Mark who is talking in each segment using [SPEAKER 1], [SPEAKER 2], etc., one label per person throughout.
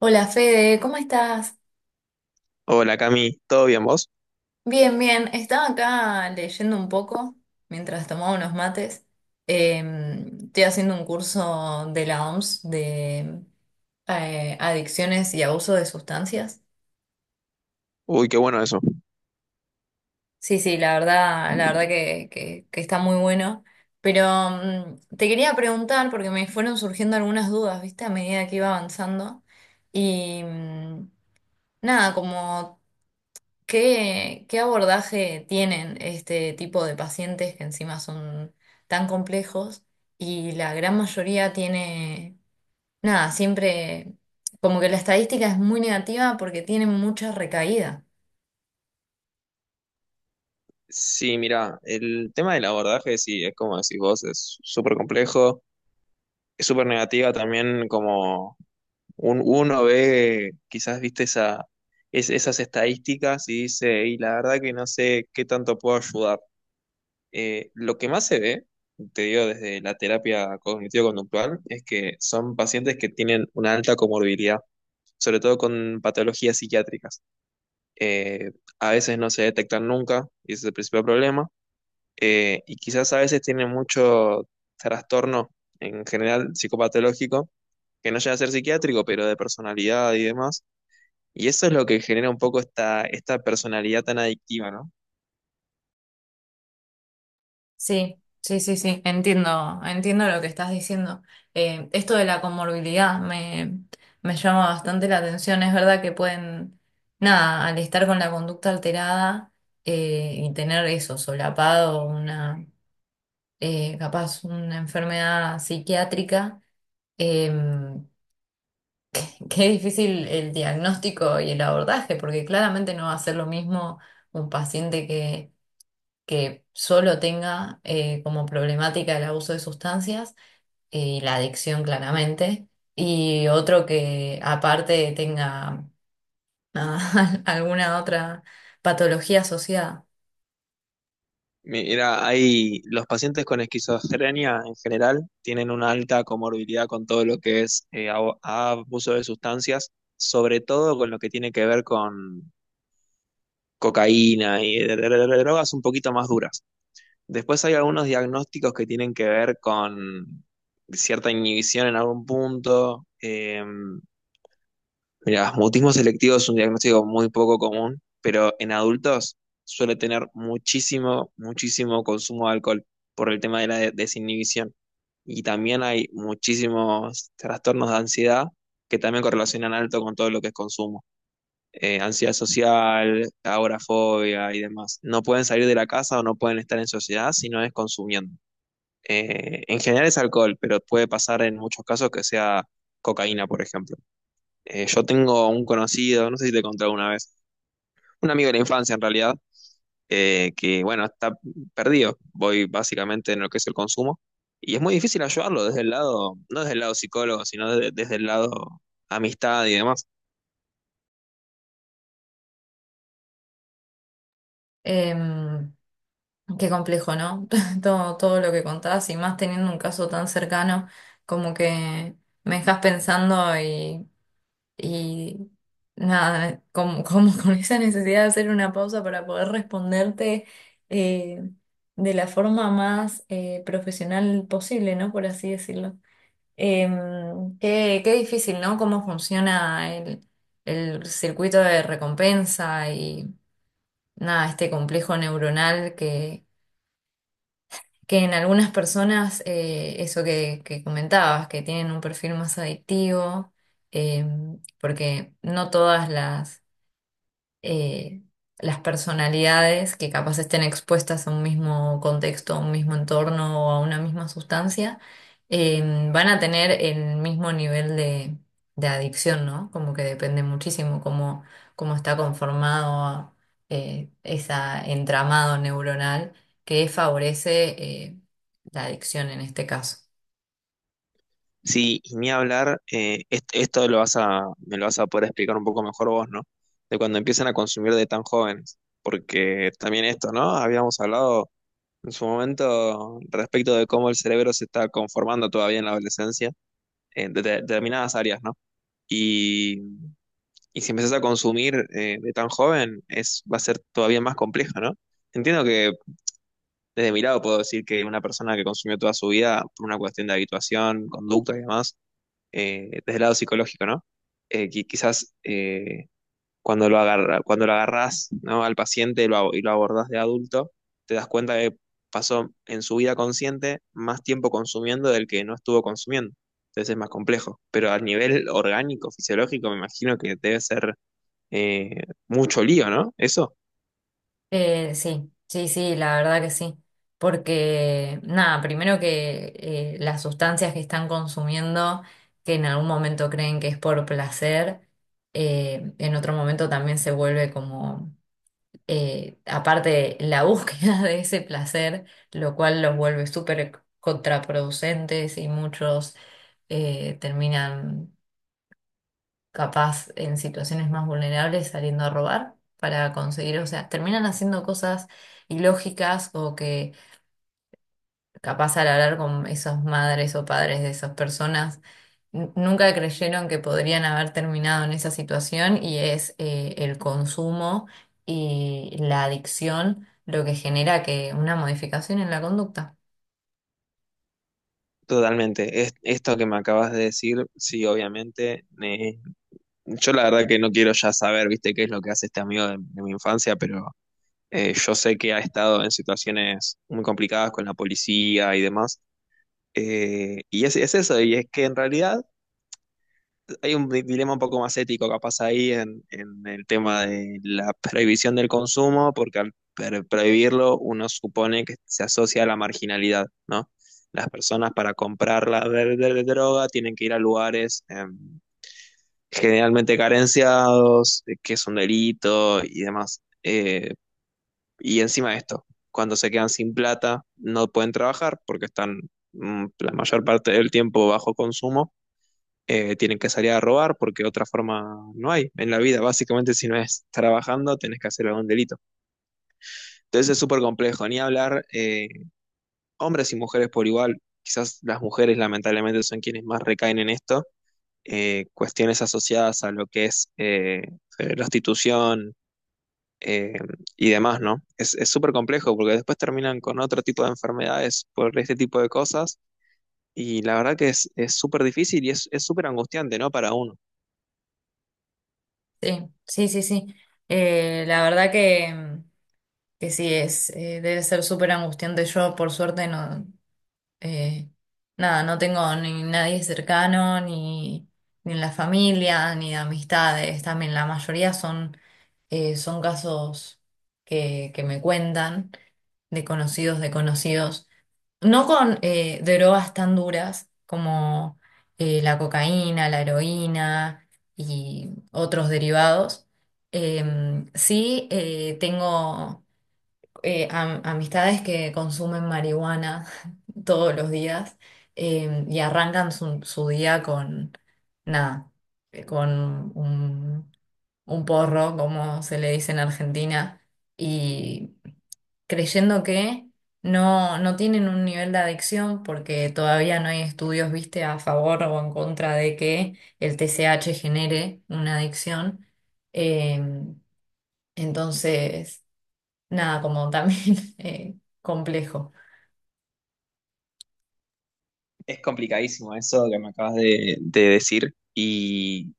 [SPEAKER 1] Hola Fede, ¿cómo estás?
[SPEAKER 2] Hola Cami, ¿todo bien vos?
[SPEAKER 1] Bien, bien. Estaba acá leyendo un poco mientras tomaba unos mates. Eh, Estoy haciendo un curso de la OMS de adicciones y abuso de sustancias.
[SPEAKER 2] Uy, qué bueno eso.
[SPEAKER 1] Sí, sí, la verdad, que está muy bueno. Pero te quería preguntar, porque me fueron surgiendo algunas dudas, ¿viste? A medida que iba avanzando. Y nada, como... qué abordaje tienen este tipo de pacientes que encima son tan complejos y la gran mayoría tiene, nada, siempre como que la estadística es muy negativa porque tienen mucha recaída.
[SPEAKER 2] Sí, mira, el tema del abordaje, sí, es como decís vos, es súper complejo, es súper negativa también, como uno ve, quizás viste esa, esas estadísticas y dice, y la verdad que no sé qué tanto puedo ayudar. Lo que más se ve, te digo desde la terapia cognitivo-conductual, es que son pacientes que tienen una alta comorbilidad, sobre todo con patologías psiquiátricas. eh, a veces no se detectan nunca y ese es el principal problema. Y quizás a veces tienen mucho trastorno en general psicopatológico que no llega a ser psiquiátrico, pero de personalidad y demás. Y eso es lo que genera un poco esta personalidad tan adictiva, ¿no?
[SPEAKER 1] Sí, sí, sí, sí, entiendo, entiendo lo que estás diciendo. Esto de la me llama bastante la atención. Es verdad que pueden, nada, al estar con la conducta alterada y tener eso, solapado, una capaz una enfermedad psiquiátrica, em, que es difícil el diagnóstico y el abordaje, porque claramente no va a ser lo mismo un que solo tenga como problemática el abuso de sustancias y la adicción claramente, y otro que aparte tenga alguna otra patología asociada.
[SPEAKER 2] Mira, hay los pacientes con esquizofrenia en general tienen una alta comorbilidad con todo lo que es abuso de sustancias, sobre todo con lo que tiene que ver con cocaína y drogas un poquito más duras. Después hay algunos diagnósticos que tienen que ver con cierta inhibición en algún punto. Mira, mutismo selectivo es un diagnóstico muy poco común, pero en adultos suele tener muchísimo, muchísimo consumo de alcohol por el tema de la desinhibición. Y también hay muchísimos trastornos de ansiedad que también correlacionan alto con todo lo que es consumo, ansiedad social, agorafobia y demás. No pueden salir de la casa o no pueden estar en sociedad si no es consumiendo. En general es alcohol, pero puede pasar en muchos casos que sea cocaína, por ejemplo. Yo tengo un conocido, no sé si te conté alguna vez, un amigo de la infancia en realidad, que bueno, está perdido, voy básicamente en lo que es el consumo, y es muy difícil ayudarlo desde el lado, no desde el lado psicólogo, sino desde el lado amistad y demás.
[SPEAKER 1] Em, Qué complejo, ¿no? Todo, todo lo que contabas y más teniendo un caso tan cercano, como que me dejas y nada, como, como con esa necesidad de hacer una pausa para poder responderte eh, de la forma más profesional posible, ¿no? Por así decirlo. Qué, qué difícil, ¿no? Cómo funciona el circuito de recompensa y nada, este complejo neuronal que en algunas personas, eso que comentabas, que tienen un perfil más adictivo, eh, porque no todas eh, las personalidades que capaz estén expuestas a un mismo contexto, a un mismo entorno o a una misma sustancia, van a tener el mismo de adicción, ¿no? Como que depende muchísimo cómo, cómo está conformado ese entramado neuronal que favorece eh, la adicción en este caso.
[SPEAKER 2] Sí, y ni hablar, esto me lo vas a poder explicar un poco mejor vos, ¿no? De cuando empiezan a consumir de tan jóvenes, porque también esto, ¿no? Habíamos hablado en su momento respecto de cómo el cerebro se está conformando todavía en la adolescencia, en determinadas áreas, ¿no? Y, y si empezás a consumir, de tan joven, va a ser todavía más complejo, ¿no? Entiendo que desde mi lado puedo decir que una persona que consumió toda su vida por una cuestión de habituación, conducta y demás, desde el lado psicológico, ¿no? Quizás, cuando lo agarrás, ¿no? Al paciente y lo abordás de adulto, te das cuenta que pasó en su vida consciente más tiempo consumiendo del que no estuvo consumiendo. Entonces es más complejo. Pero a nivel orgánico, fisiológico, me imagino que debe ser, mucho lío, ¿no? Eso.
[SPEAKER 1] Sí, sí, sí, la verdad que sí. Porque, nada, primero que las sustancias que están consumiendo, que en algún momento creen que es por placer, en otro momento también se vuelve como, aparte, la búsqueda de ese placer, lo cual los vuelve súper contraproducentes y muchos terminan capaz en situaciones más vulnerables saliendo a robar para conseguir, o sea, terminan haciendo cosas ilógicas o que capaz al hablar con esas madres o padres de esas personas, nunca creyeron que podrían haber terminado en esa situación y es el consumo y la adicción lo que genera que una modificación en la conducta.
[SPEAKER 2] Totalmente. Esto que me acabas de decir, sí, obviamente. Yo la verdad que no quiero ya saber, viste, qué es lo que hace este amigo de mi infancia, pero yo sé que ha estado en situaciones muy complicadas con la policía y demás. Y es eso, y es que en realidad hay un dilema un poco más ético capaz ahí en el tema de la prohibición del consumo, porque al prohibirlo uno supone que se asocia a la marginalidad, ¿no? Las personas para comprar la de droga tienen que ir a lugares, generalmente carenciados, que es un delito y demás. Y encima de esto, cuando se quedan sin plata, no pueden trabajar porque están, la mayor parte del tiempo bajo consumo. Tienen que salir a robar porque otra forma no hay en la vida. Básicamente, si no es trabajando, tenés que hacer algún delito. Entonces es súper complejo. Ni hablar, hombres y mujeres por igual. Quizás las mujeres, lamentablemente, son quienes más recaen en esto. Cuestiones asociadas a lo que es prostitución, eh, y demás, ¿no? Es súper complejo porque después terminan con otro tipo de enfermedades por este tipo de cosas y la verdad que es súper difícil y es súper angustiante, ¿no? Para uno.
[SPEAKER 1] Sí, sí, sí, sí. La verdad que sí es, debe ser súper angustiante. Yo, por suerte, no. Eh, nada, no tengo ni nadie cercano, ni, ni en la familia, ni de amistades. También la mayoría son, son casos que me cuentan de conocidos, de conocidos. No con drogas tan duras como la cocaína, la heroína y otros derivados. Sí, tengo amistades que consumen marihuana todos los días y arrancan su día con nada, con un porro, como se le dice en Argentina, y creyendo que no, no tienen un nivel de adicción porque todavía no hay estudios, viste, a favor o en contra de que el TCH genere una adicción. Em, entonces nada, como también complejo.
[SPEAKER 2] Es complicadísimo eso que me acabas de decir y,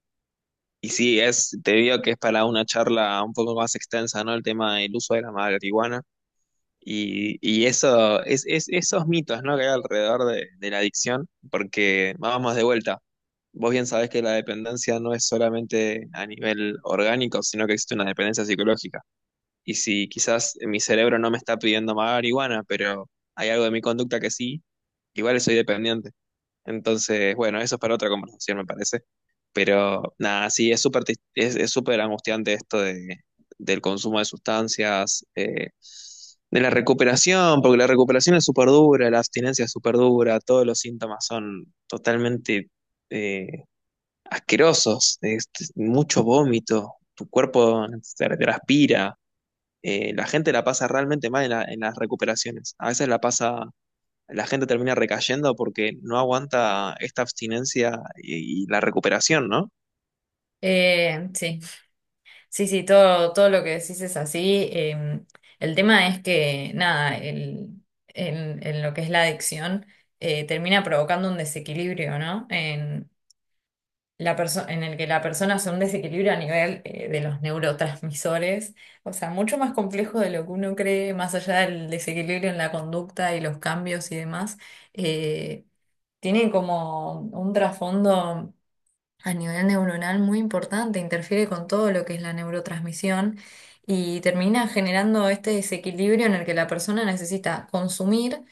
[SPEAKER 2] y sí, te digo que es para una charla un poco más extensa, ¿no? El tema del uso de la marihuana. Y eso, esos mitos, ¿no? Que hay alrededor de la adicción, porque vamos de vuelta. Vos bien sabés que la dependencia no es solamente a nivel orgánico, sino que existe una dependencia psicológica. Y si quizás mi cerebro no me está pidiendo más marihuana, pero hay algo de mi conducta que sí, igual soy dependiente. Entonces, bueno, eso es para otra conversación, me parece. Pero nada, sí, es súper angustiante esto del consumo de sustancias, de la recuperación, porque la recuperación es súper dura, la abstinencia es súper dura, todos los síntomas son totalmente eh, asquerosos, es mucho vómito, tu cuerpo se transpira, la gente la pasa realmente mal en las recuperaciones. A veces la gente termina recayendo porque no aguanta esta abstinencia y la recuperación, ¿no?
[SPEAKER 1] Sí, sí, sí, todo, todo lo que decís es así. El tema es que, nada, en lo que es la adicción, termina provocando un desequilibrio, ¿no? En, en el que la persona hace un desequilibrio a nivel de los neurotransmisores, o sea, mucho más complejo de lo que uno cree, más allá del desequilibrio en la conducta y los cambios y demás. Eh, tiene como un trasfondo a nivel neuronal muy importante, interfiere con todo lo que es la neurotransmisión y termina generando este desequilibrio en el que la persona necesita consumir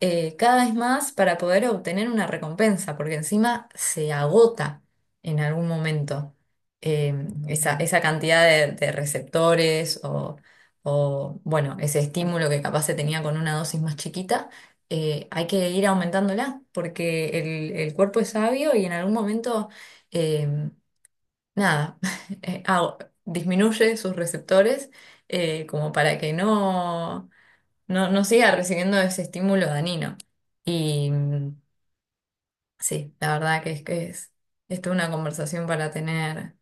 [SPEAKER 1] cada vez más para poder obtener una recompensa, porque encima se agota en algún momento eh, esa cantidad de receptores o, bueno, ese estímulo que capaz se tenía con una dosis más chiquita, hay que ir aumentándola, porque el cuerpo es sabio y en algún momento, eh, nada, eh, ah, disminuye sus receptores como para que no no, no siga recibiendo ese estímulo dañino. Y sí, la verdad que es, esto es una conversación para tener,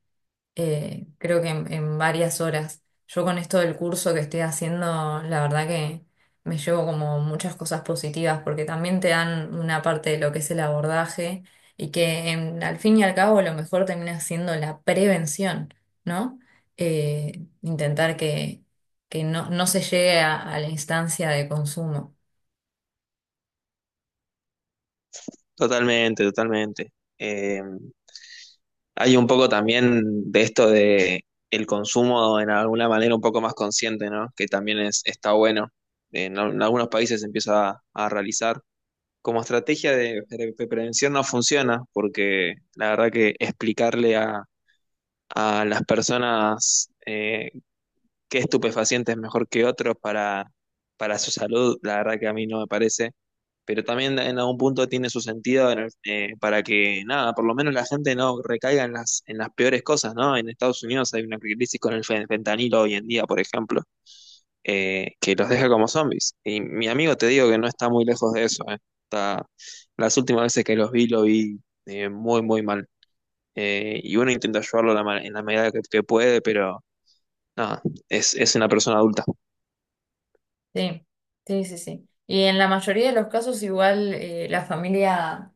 [SPEAKER 1] creo que en varias horas. Yo con esto del curso que estoy haciendo, la verdad que me llevo como muchas cosas positivas, porque también te dan una parte de lo que es el abordaje y que al fin y al cabo lo mejor termina siendo la prevención, ¿no? Intentar que no, no se llegue a la instancia de consumo.
[SPEAKER 2] Totalmente, totalmente. Eh, Hay un poco también de esto de el consumo en alguna manera un poco más consciente, ¿no? Que también está bueno. En algunos países se empieza a realizar como estrategia de prevención, no funciona, porque la verdad que explicarle a las personas, qué estupefaciente es mejor que otros para, su salud, la verdad que a mí no me parece. Pero también en algún punto tiene su sentido para que, nada, por lo menos la gente no recaiga en las peores cosas, ¿no? En Estados Unidos hay una crisis con el fentanilo hoy en día, por ejemplo, que los deja como zombies. Y mi amigo te digo que no está muy lejos de eso, eh. Está, las últimas veces que lo vi, muy, muy mal. Y uno intenta ayudarlo en la medida que puede, pero nada, es, una persona adulta.
[SPEAKER 1] Sí, sí, sí, sí. Y en la mayoría de los casos igual la familia,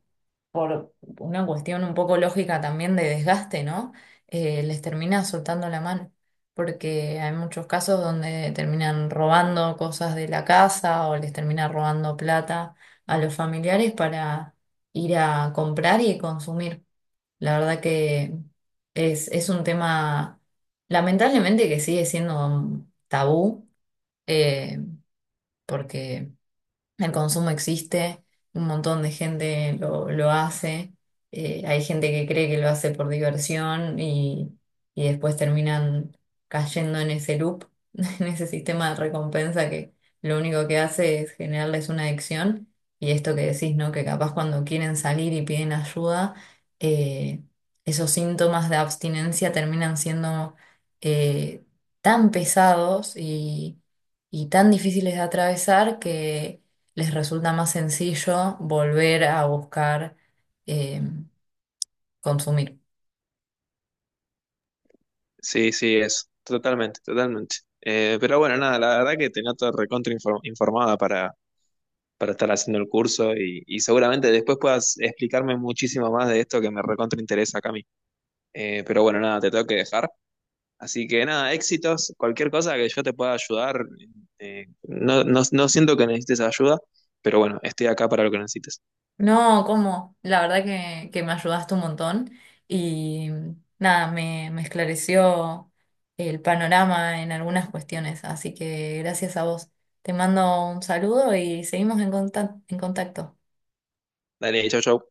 [SPEAKER 1] por una cuestión un poco lógica también de desgaste, ¿no? Les termina soltando la mano, porque hay muchos casos donde terminan robando cosas de la casa o les termina robando plata a los familiares para ir a comprar y consumir. La verdad que es un tema, lamentablemente, que sigue siendo tabú. eh, porque el consumo existe, un montón de gente lo hace, hay gente que cree que lo hace por diversión y después terminan cayendo en ese loop, en ese sistema de recompensa que lo único que hace es generarles una adicción y esto que decís, ¿no? Que capaz cuando quieren salir y piden ayuda, eh, esos síntomas de abstinencia terminan siendo eh, tan pesados y tan difíciles de atravesar que les resulta más sencillo volver a buscar eh, consumir.
[SPEAKER 2] Sí, sí, totalmente, totalmente. Pero bueno, nada, la verdad que te noto recontra informada para, estar haciendo el curso y, seguramente después puedas explicarme muchísimo más de esto que me recontra interesa, Cami. Pero bueno, nada, te tengo que dejar. Así que nada, éxitos, cualquier cosa que yo te pueda ayudar, no, no, no siento que necesites ayuda, pero bueno, estoy acá para lo que necesites.
[SPEAKER 1] No, ¿cómo? La verdad que me ayudaste un montón y nada, me esclareció el panorama en algunas cuestiones, así que gracias a vos. Te mando un saludo y seguimos en en contacto.
[SPEAKER 2] Dale, chau, chau.